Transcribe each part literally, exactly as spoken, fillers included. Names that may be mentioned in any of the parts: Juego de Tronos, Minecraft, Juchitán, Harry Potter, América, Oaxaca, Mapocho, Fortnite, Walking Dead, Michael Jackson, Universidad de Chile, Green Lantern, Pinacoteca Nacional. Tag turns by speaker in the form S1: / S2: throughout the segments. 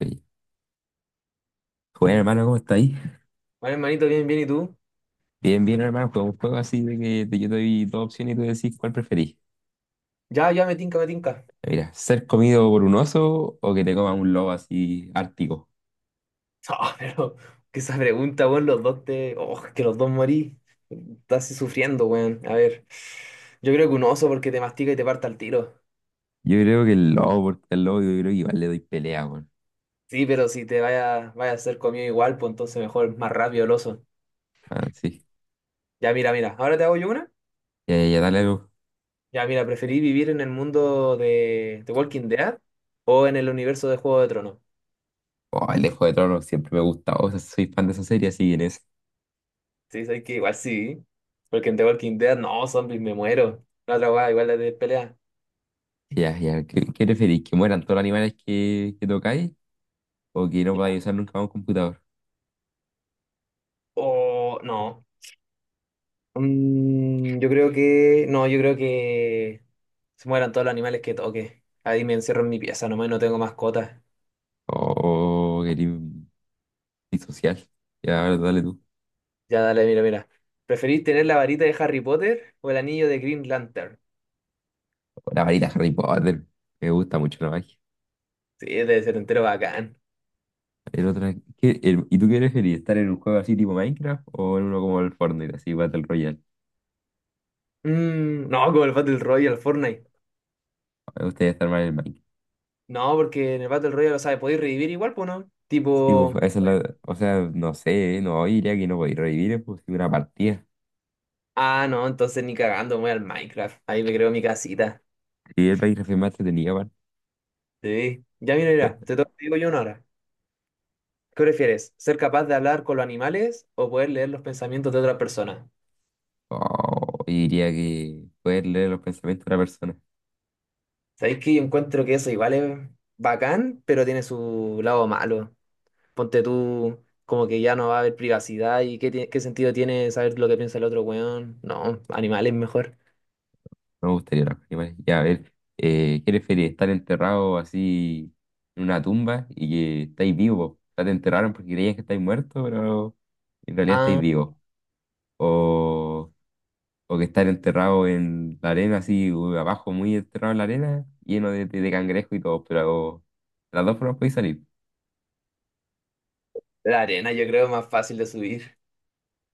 S1: Oye. Bueno, hermano, ¿cómo está ahí?
S2: Bueno, hermanito, bien, bien, ¿y tú?
S1: Bien, bien, hermano. Fue un juego así de que te- yo te doy dos opciones y tú decís cuál preferís.
S2: Ya, ya, me tinca, me tinca.
S1: Mira, ser comido por un oso o que te coma un lobo así ártico.
S2: Ah, pero que esa pregunta, weón, los dos te. Oh, que los dos morí. Estás así sufriendo, weón. A ver, yo creo que un oso porque te mastica y te parta al tiro.
S1: Yo creo que el lobo, porque el lobo yo creo que igual le doy pelea, weón.
S2: Sí, pero si te vaya, vaya a ser comido igual, pues entonces mejor, más rápido el oso.
S1: Ah, sí.
S2: Ya, mira, mira, ahora te hago yo una.
S1: Ya, ya, ya, dale algo.
S2: Ya, mira, ¿preferí vivir en el mundo de, de Walking Dead o en el universo de Juego de Tronos?
S1: Oh, el de Juego de Tronos siempre me gusta. O sea, soy fan de esa serie, así que en eso.
S2: Sí, sabes que igual sí, porque en The Walking Dead, no, zombies, me muero. La otra weá, igual la de pelea.
S1: Ya, ya. ¿Qué, qué preferís? ¿Que mueran todos los animales que, que tocáis o que no podáis usar nunca más un computador?
S2: O no. Mm, yo creo que. No, yo creo que se mueran todos los animales que toque. Ahí me encierro en mi pieza nomás y no tengo mascotas.
S1: O Oh, querís un disocial. Ya, a ver, dale tú.
S2: Ya dale, mira, mira. ¿Preferís tener la varita de Harry Potter o el anillo de Green Lantern?
S1: La varita Harry Potter. Me gusta mucho la magia.
S2: Sí, debe ser entero bacán.
S1: El otro, es- ¿qué- el- ¿y tú qué preferirías? ¿Estar en un juego así tipo Minecraft o en uno como el Fortnite, así Battle Royale?
S2: Mm, no, como el Battle Royale, Fortnite.
S1: Me gustaría estar más en el Minecraft.
S2: No, porque en el Battle Royale, lo sabes, podéis revivir igual, pues no.
S1: Sí, pues,
S2: Tipo.
S1: esa es la, o sea, no sé, ¿eh? no, yo diría que no podía revivir pues, sí, una partida.
S2: Ah, no, entonces ni cagando, me voy al Minecraft. Ahí me creo mi casita.
S1: Y el Minecraft es más entretenido, aparte.
S2: Sí. Ya mira, mira, te toca, te digo yo una hora. ¿Qué prefieres? ¿Ser capaz de hablar con los animales o poder leer los pensamientos de otra persona?
S1: Oh, y diría que poder leer los pensamientos de una persona.
S2: Sabéis que yo encuentro que eso igual es bacán, pero tiene su lado malo. Ponte tú como que ya no va a haber privacidad y qué, tie- qué sentido tiene saber lo que piensa el otro weón. No, animales mejor.
S1: Me gustaría los animales. Ya, a ver, eh, ¿qué preferís? ¿Estar enterrado así en una tumba y que estáis vivos? O sea, te enterraron porque creías que estáis muerto, pero en realidad estáis
S2: Ah,
S1: vivos. O, o que estar enterrado en la arena, así u- abajo, muy enterrado en la arena, lleno de, de, de cangrejo y todo, pero de las dos formas podéis salir.
S2: la arena yo creo es más fácil de subir.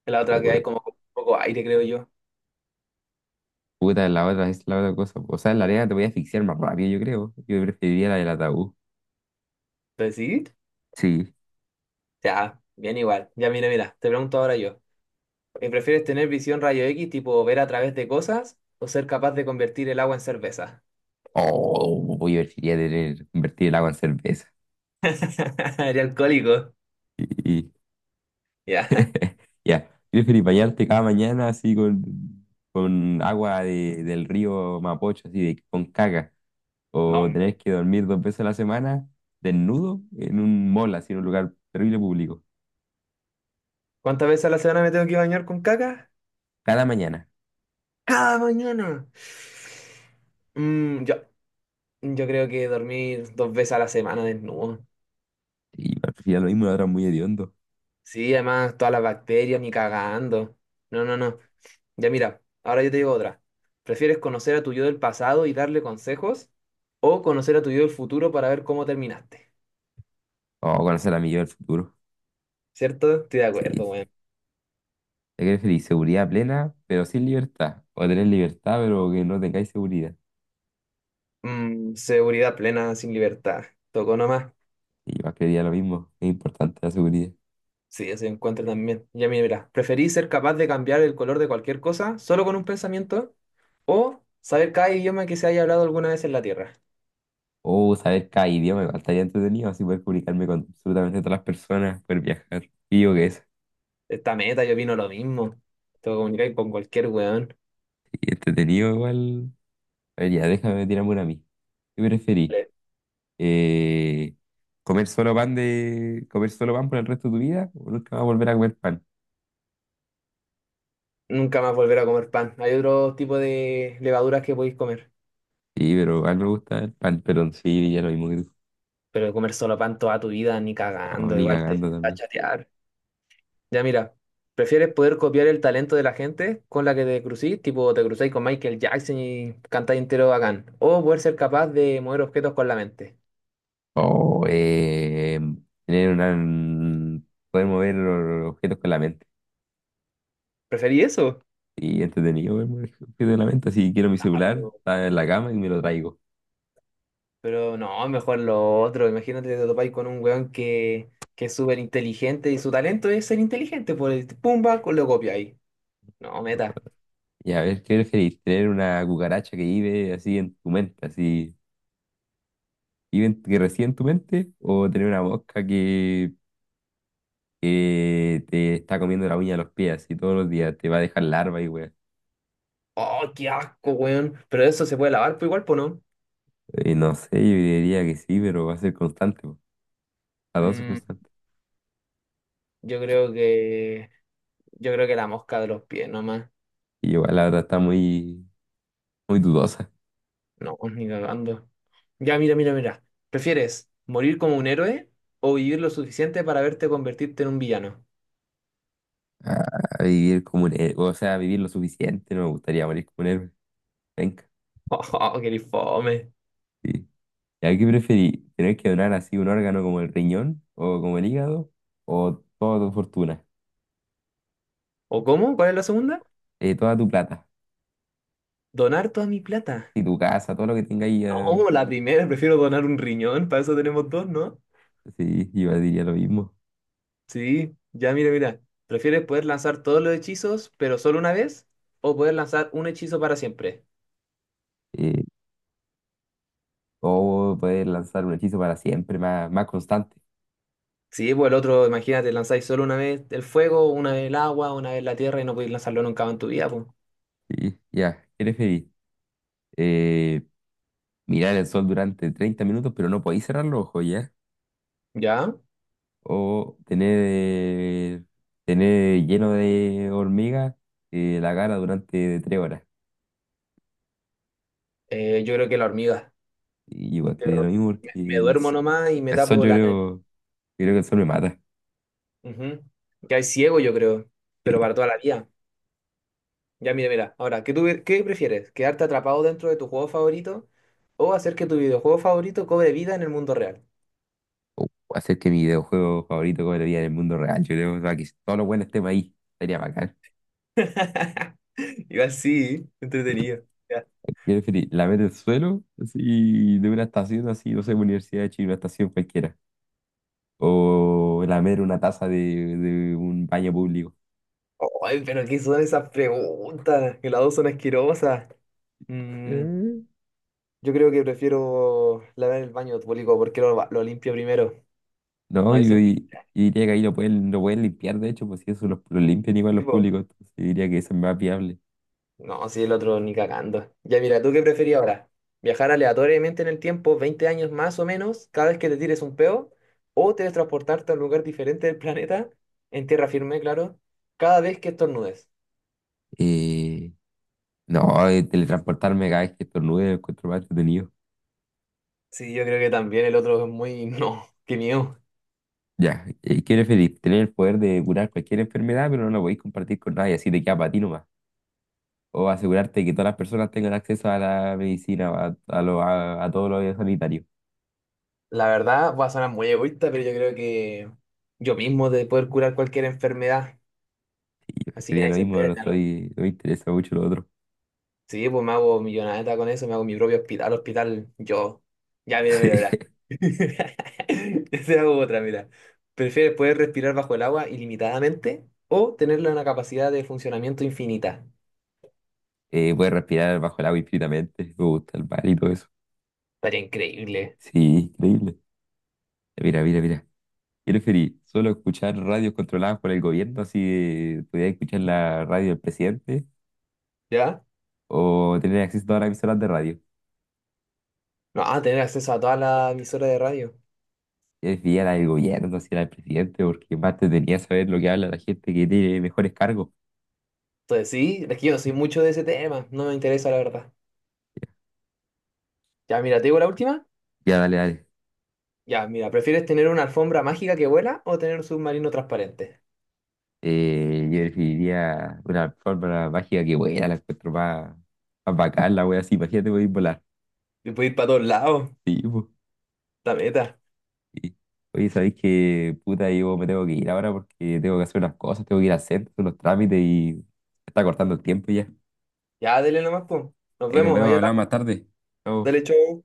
S2: La otra
S1: O,
S2: que hay
S1: eh,
S2: como con poco aire, creo yo.
S1: puta, la otra es la otra cosa. O sea, en la arena te voy a asfixiar más rápido, yo creo. Yo preferiría la del ataúd.
S2: ¿Pero sí?
S1: Sí.
S2: Ya, bien igual. Ya mira, mira, te pregunto ahora yo. ¿Y prefieres tener visión rayo equis, tipo ver a través de cosas, o ser capaz de convertir el agua en cerveza?
S1: O oh, yo preferiría tener, convertir el agua en cerveza.
S2: Eres alcohólico.
S1: Y, y-
S2: Ya.
S1: ya, ¿prefieres bañarte cada mañana así con, con agua de- del río Mapocho, así de- con caca? ¿O
S2: No.
S1: tener que dormir dos veces a la semana desnudo en un mall, así en un lugar terrible público?
S2: ¿Cuántas veces a la semana me tengo que bañar con caca?
S1: Cada mañana.
S2: Cada mañana. Mm, yo, yo creo que dormir dos veces a la semana desnudo.
S1: Y prefiero lo mismo, lo otro es muy hediondo.
S2: Sí, además, todas las bacterias ni cagando. No, no, no. Ya mira, ahora yo te digo otra. ¿Prefieres conocer a tu yo del pasado y darle consejos? ¿O conocer a tu yo del futuro para ver cómo terminaste?
S1: O conocer a mi yo del futuro.
S2: ¿Cierto? Estoy de acuerdo,
S1: Sí.
S2: weón.
S1: ¿Qué preferís? ¿Seguridad plena, pero sin libertad? ¿O tener libertad, pero que no tengáis seguridad?
S2: Mm, seguridad plena sin libertad. Tocó nomás.
S1: Y yo creería lo mismo, es importante la seguridad.
S2: Sí, eso encuentro también. Ya mira, mira. ¿Preferís ser capaz de cambiar el color de cualquier cosa solo con un pensamiento? ¿O saber cada idioma que se haya hablado alguna vez en la Tierra?
S1: O saber cada idioma, igual estaría entretenido, así poder comunicarme con absolutamente todas las personas, poder viajar. Y yo que eso,
S2: Esta meta, yo opino lo mismo. Te comunicar con cualquier weón.
S1: y entretenido igual. A ver, ya, déjame tirarme una a mí. ¿Qué preferís?
S2: Le-
S1: Eh, ¿comer solo pan de, comer solo pan por el resto de tu vida? ¿O nunca vas a volver a comer pan?
S2: Nunca más volver a comer pan. Hay otro tipo de levaduras que podéis comer.
S1: Sí, pero a mí me gusta el pan, pero sí, ya lo mismo que tú.
S2: Pero comer solo pan toda tu vida, ni
S1: No,
S2: cagando,
S1: ni
S2: igual te
S1: cagando
S2: va a
S1: también.
S2: chatear. Ya mira, ¿prefieres poder copiar el talento de la gente con la que te crucís, tipo te cruzáis con Michael Jackson y cantáis entero bacán? ¿O poder ser capaz de mover objetos con la mente?
S1: O eh, tener una, poder mover los objetos con la mente.
S2: ¿Preferí eso?
S1: Y entretenido ver muñequitos la mente. Si quiero mi
S2: Ah,
S1: celular,
S2: pero,
S1: está en la cama y me lo traigo.
S2: pero no, mejor lo otro. Imagínate que te topáis con un weón que, que es súper inteligente y su talento es ser inteligente, por el pumba, con lo copiáis. No, meta.
S1: Y a ver, ¿qué preferís? ¿Tener una cucaracha que vive así en tu mente, así, vive en- que reside en tu mente? ¿O tener una mosca que, que te está comiendo la uña de los pies, así todos los días? Te va a dejar larva y weá.
S2: Oh, qué asco, weón. Pero eso se puede lavar, pues igual, pues no.
S1: Eh, no sé, yo diría que sí, pero va a ser constante. po. Las dos son
S2: Mm,
S1: constantes.
S2: yo creo que, yo creo que la mosca de los pies, nomás.
S1: Y igual la otra está muy, muy dudosa.
S2: No, ni cagando. Ya, mira, mira, mira. ¿Prefieres morir como un héroe o vivir lo suficiente para verte convertirte en un villano?
S1: Ah, vivir como un héroe, o sea, vivir lo suficiente, no me gustaría morir como un héroe. Venga,
S2: Oh, qué fome.
S1: sí. ¿Y a qué preferí? ¿Tener que donar así un órgano como el riñón o como el hígado o toda tu fortuna?
S2: ¿O cómo? ¿Cuál es la segunda?
S1: Eh, toda tu plata,
S2: Donar toda mi plata.
S1: y tu casa, todo lo que tengas ahí, eh,
S2: No, la primera, prefiero donar un riñón, para eso tenemos dos, ¿no?
S1: sí, yo diría lo mismo.
S2: Sí, ya, mira, mira. ¿Prefieres poder lanzar todos los hechizos, pero solo una vez? ¿O poder lanzar un hechizo para siempre?
S1: Eh, o poder lanzar un hechizo para siempre, más, más constante.
S2: Sí, pues el otro, imagínate, lanzáis solo una vez el fuego, una vez el agua, una vez la tierra y no podéis lanzarlo nunca más en tu vida, pues.
S1: Sí, ya, ¿qué preferís? Eh, mirar el sol durante treinta minutos, pero no podéis cerrar los ojos, ¿ya?
S2: ¿Ya?
S1: O tener, eh, tener lleno de hormigas eh, la cara durante tres horas.
S2: Eh, yo creo que la hormiga.
S1: Y igual que
S2: Cierro-
S1: lo mismo porque
S2: Me, me
S1: el,
S2: duermo
S1: s-
S2: nomás y me
S1: El sol
S2: tapo
S1: yo
S2: la nariz.
S1: creo, yo creo que el sol me mata.
S2: Ujú. Que hay ciego, yo creo, pero
S1: Sí.
S2: para toda la vida. Ya, mira, mira. Ahora, ¿qué, tú, qué prefieres? ¿Quedarte atrapado dentro de tu juego favorito o hacer que tu videojuego favorito cobre vida en el mundo real?
S1: O hacer que mi videojuego favorito cobre vida en el mundo real. Yo creo, o sea, que todos los buenos estemos ahí. Sería bacán.
S2: Igual sí, entretenido. Ya.
S1: Yo preferí la meta el suelo, así, de una estación así, no sé, Universidad de Chile, una estación cualquiera. O lamer una taza de, de un baño público.
S2: Ay, pero ¿qué son esas preguntas? Que las dos son asquerosas. Mm,
S1: Eh.
S2: yo creo que prefiero lavar el baño público porque lo, lo limpio primero.
S1: No,
S2: No
S1: y,
S2: hay sin-
S1: y- y diría que ahí lo pueden, lo pueden limpiar, de hecho, pues si eso lo, lo limpian igual los
S2: tipo.
S1: públicos, entonces diría que eso es más viable.
S2: No, sí, el otro ni cagando. Ya mira, ¿tú qué preferís ahora? ¿Viajar aleatoriamente en el tiempo, veinte años más o menos, cada vez que te tires un peo? ¿O teletransportarte a un lugar diferente del planeta, en tierra firme, claro, cada vez que estornudes?
S1: Eh, no, eh, teletransportarme cada vez que estornude lo encuentro más entretenido.
S2: Sí, yo creo que también el otro es muy. No, qué miedo.
S1: Ya, ¿y qué preferís? ¿Tener el poder de curar cualquier enfermedad, pero no lo podéis compartir con nadie, así te queda para ti nomás? ¿O asegurarte que todas las personas tengan acceso a la medicina, a, a, lo- a, a todo lo sanitario?
S2: La verdad, va a sonar muy egoísta, pero yo creo que yo mismo de poder curar cualquier enfermedad,
S1: Yo
S2: así que
S1: escribiría
S2: nadie
S1: lo
S2: se
S1: mismo, pero no
S2: entere.
S1: estoy, no me interesa mucho lo otro.
S2: Sí, pues me hago millonada con eso, me hago mi propio hospital, hospital yo. Ya, mira, mira, mira.
S1: Sí.
S2: Yo te hago otra, mira. ¿Prefieres poder respirar bajo el agua ilimitadamente o tenerla una capacidad de funcionamiento infinita?
S1: Eh, puedes respirar bajo el agua infinitamente, me gusta el mar y todo eso.
S2: Estaría increíble,
S1: Sí, increíble. Mira, mira, mira. ¿Qué preferís? ¿Solo escuchar radios controladas por el gobierno, así de- pudieras escuchar la radio del presidente?
S2: ¿ya?
S1: ¿O tener acceso a todas las emisoras de radio?
S2: No, ah, tener acceso a toda la emisora de radio.
S1: Es bien al gobierno, si era el presidente, porque más te tenía saber lo que habla la gente que tiene mejores cargos.
S2: Entonces, sí, es que yo no soy mucho de ese tema, no me interesa la verdad. Ya, mira, te digo la última.
S1: Ya, dale, dale.
S2: Ya, mira, ¿prefieres tener una alfombra mágica que vuela o tener un submarino transparente?
S1: Eh, yo definiría una forma mágica que buena, la encuentro más, más bacán, la wea así, imagínate podéis volar.
S2: Y puedes ir para todos lados,
S1: Sí, po.
S2: la meta.
S1: Sí. Oye, ¿sabéis que puta? Yo me tengo que ir ahora porque tengo que hacer unas cosas, tengo que ir a hacer unos trámites y se está cortando el tiempo ya.
S2: Ya, dele nomás, pues. Nos
S1: Ahí nos
S2: vemos,
S1: vemos,
S2: ahí
S1: hablamos
S2: hablamos.
S1: más tarde. Chao.
S2: Dale, chau.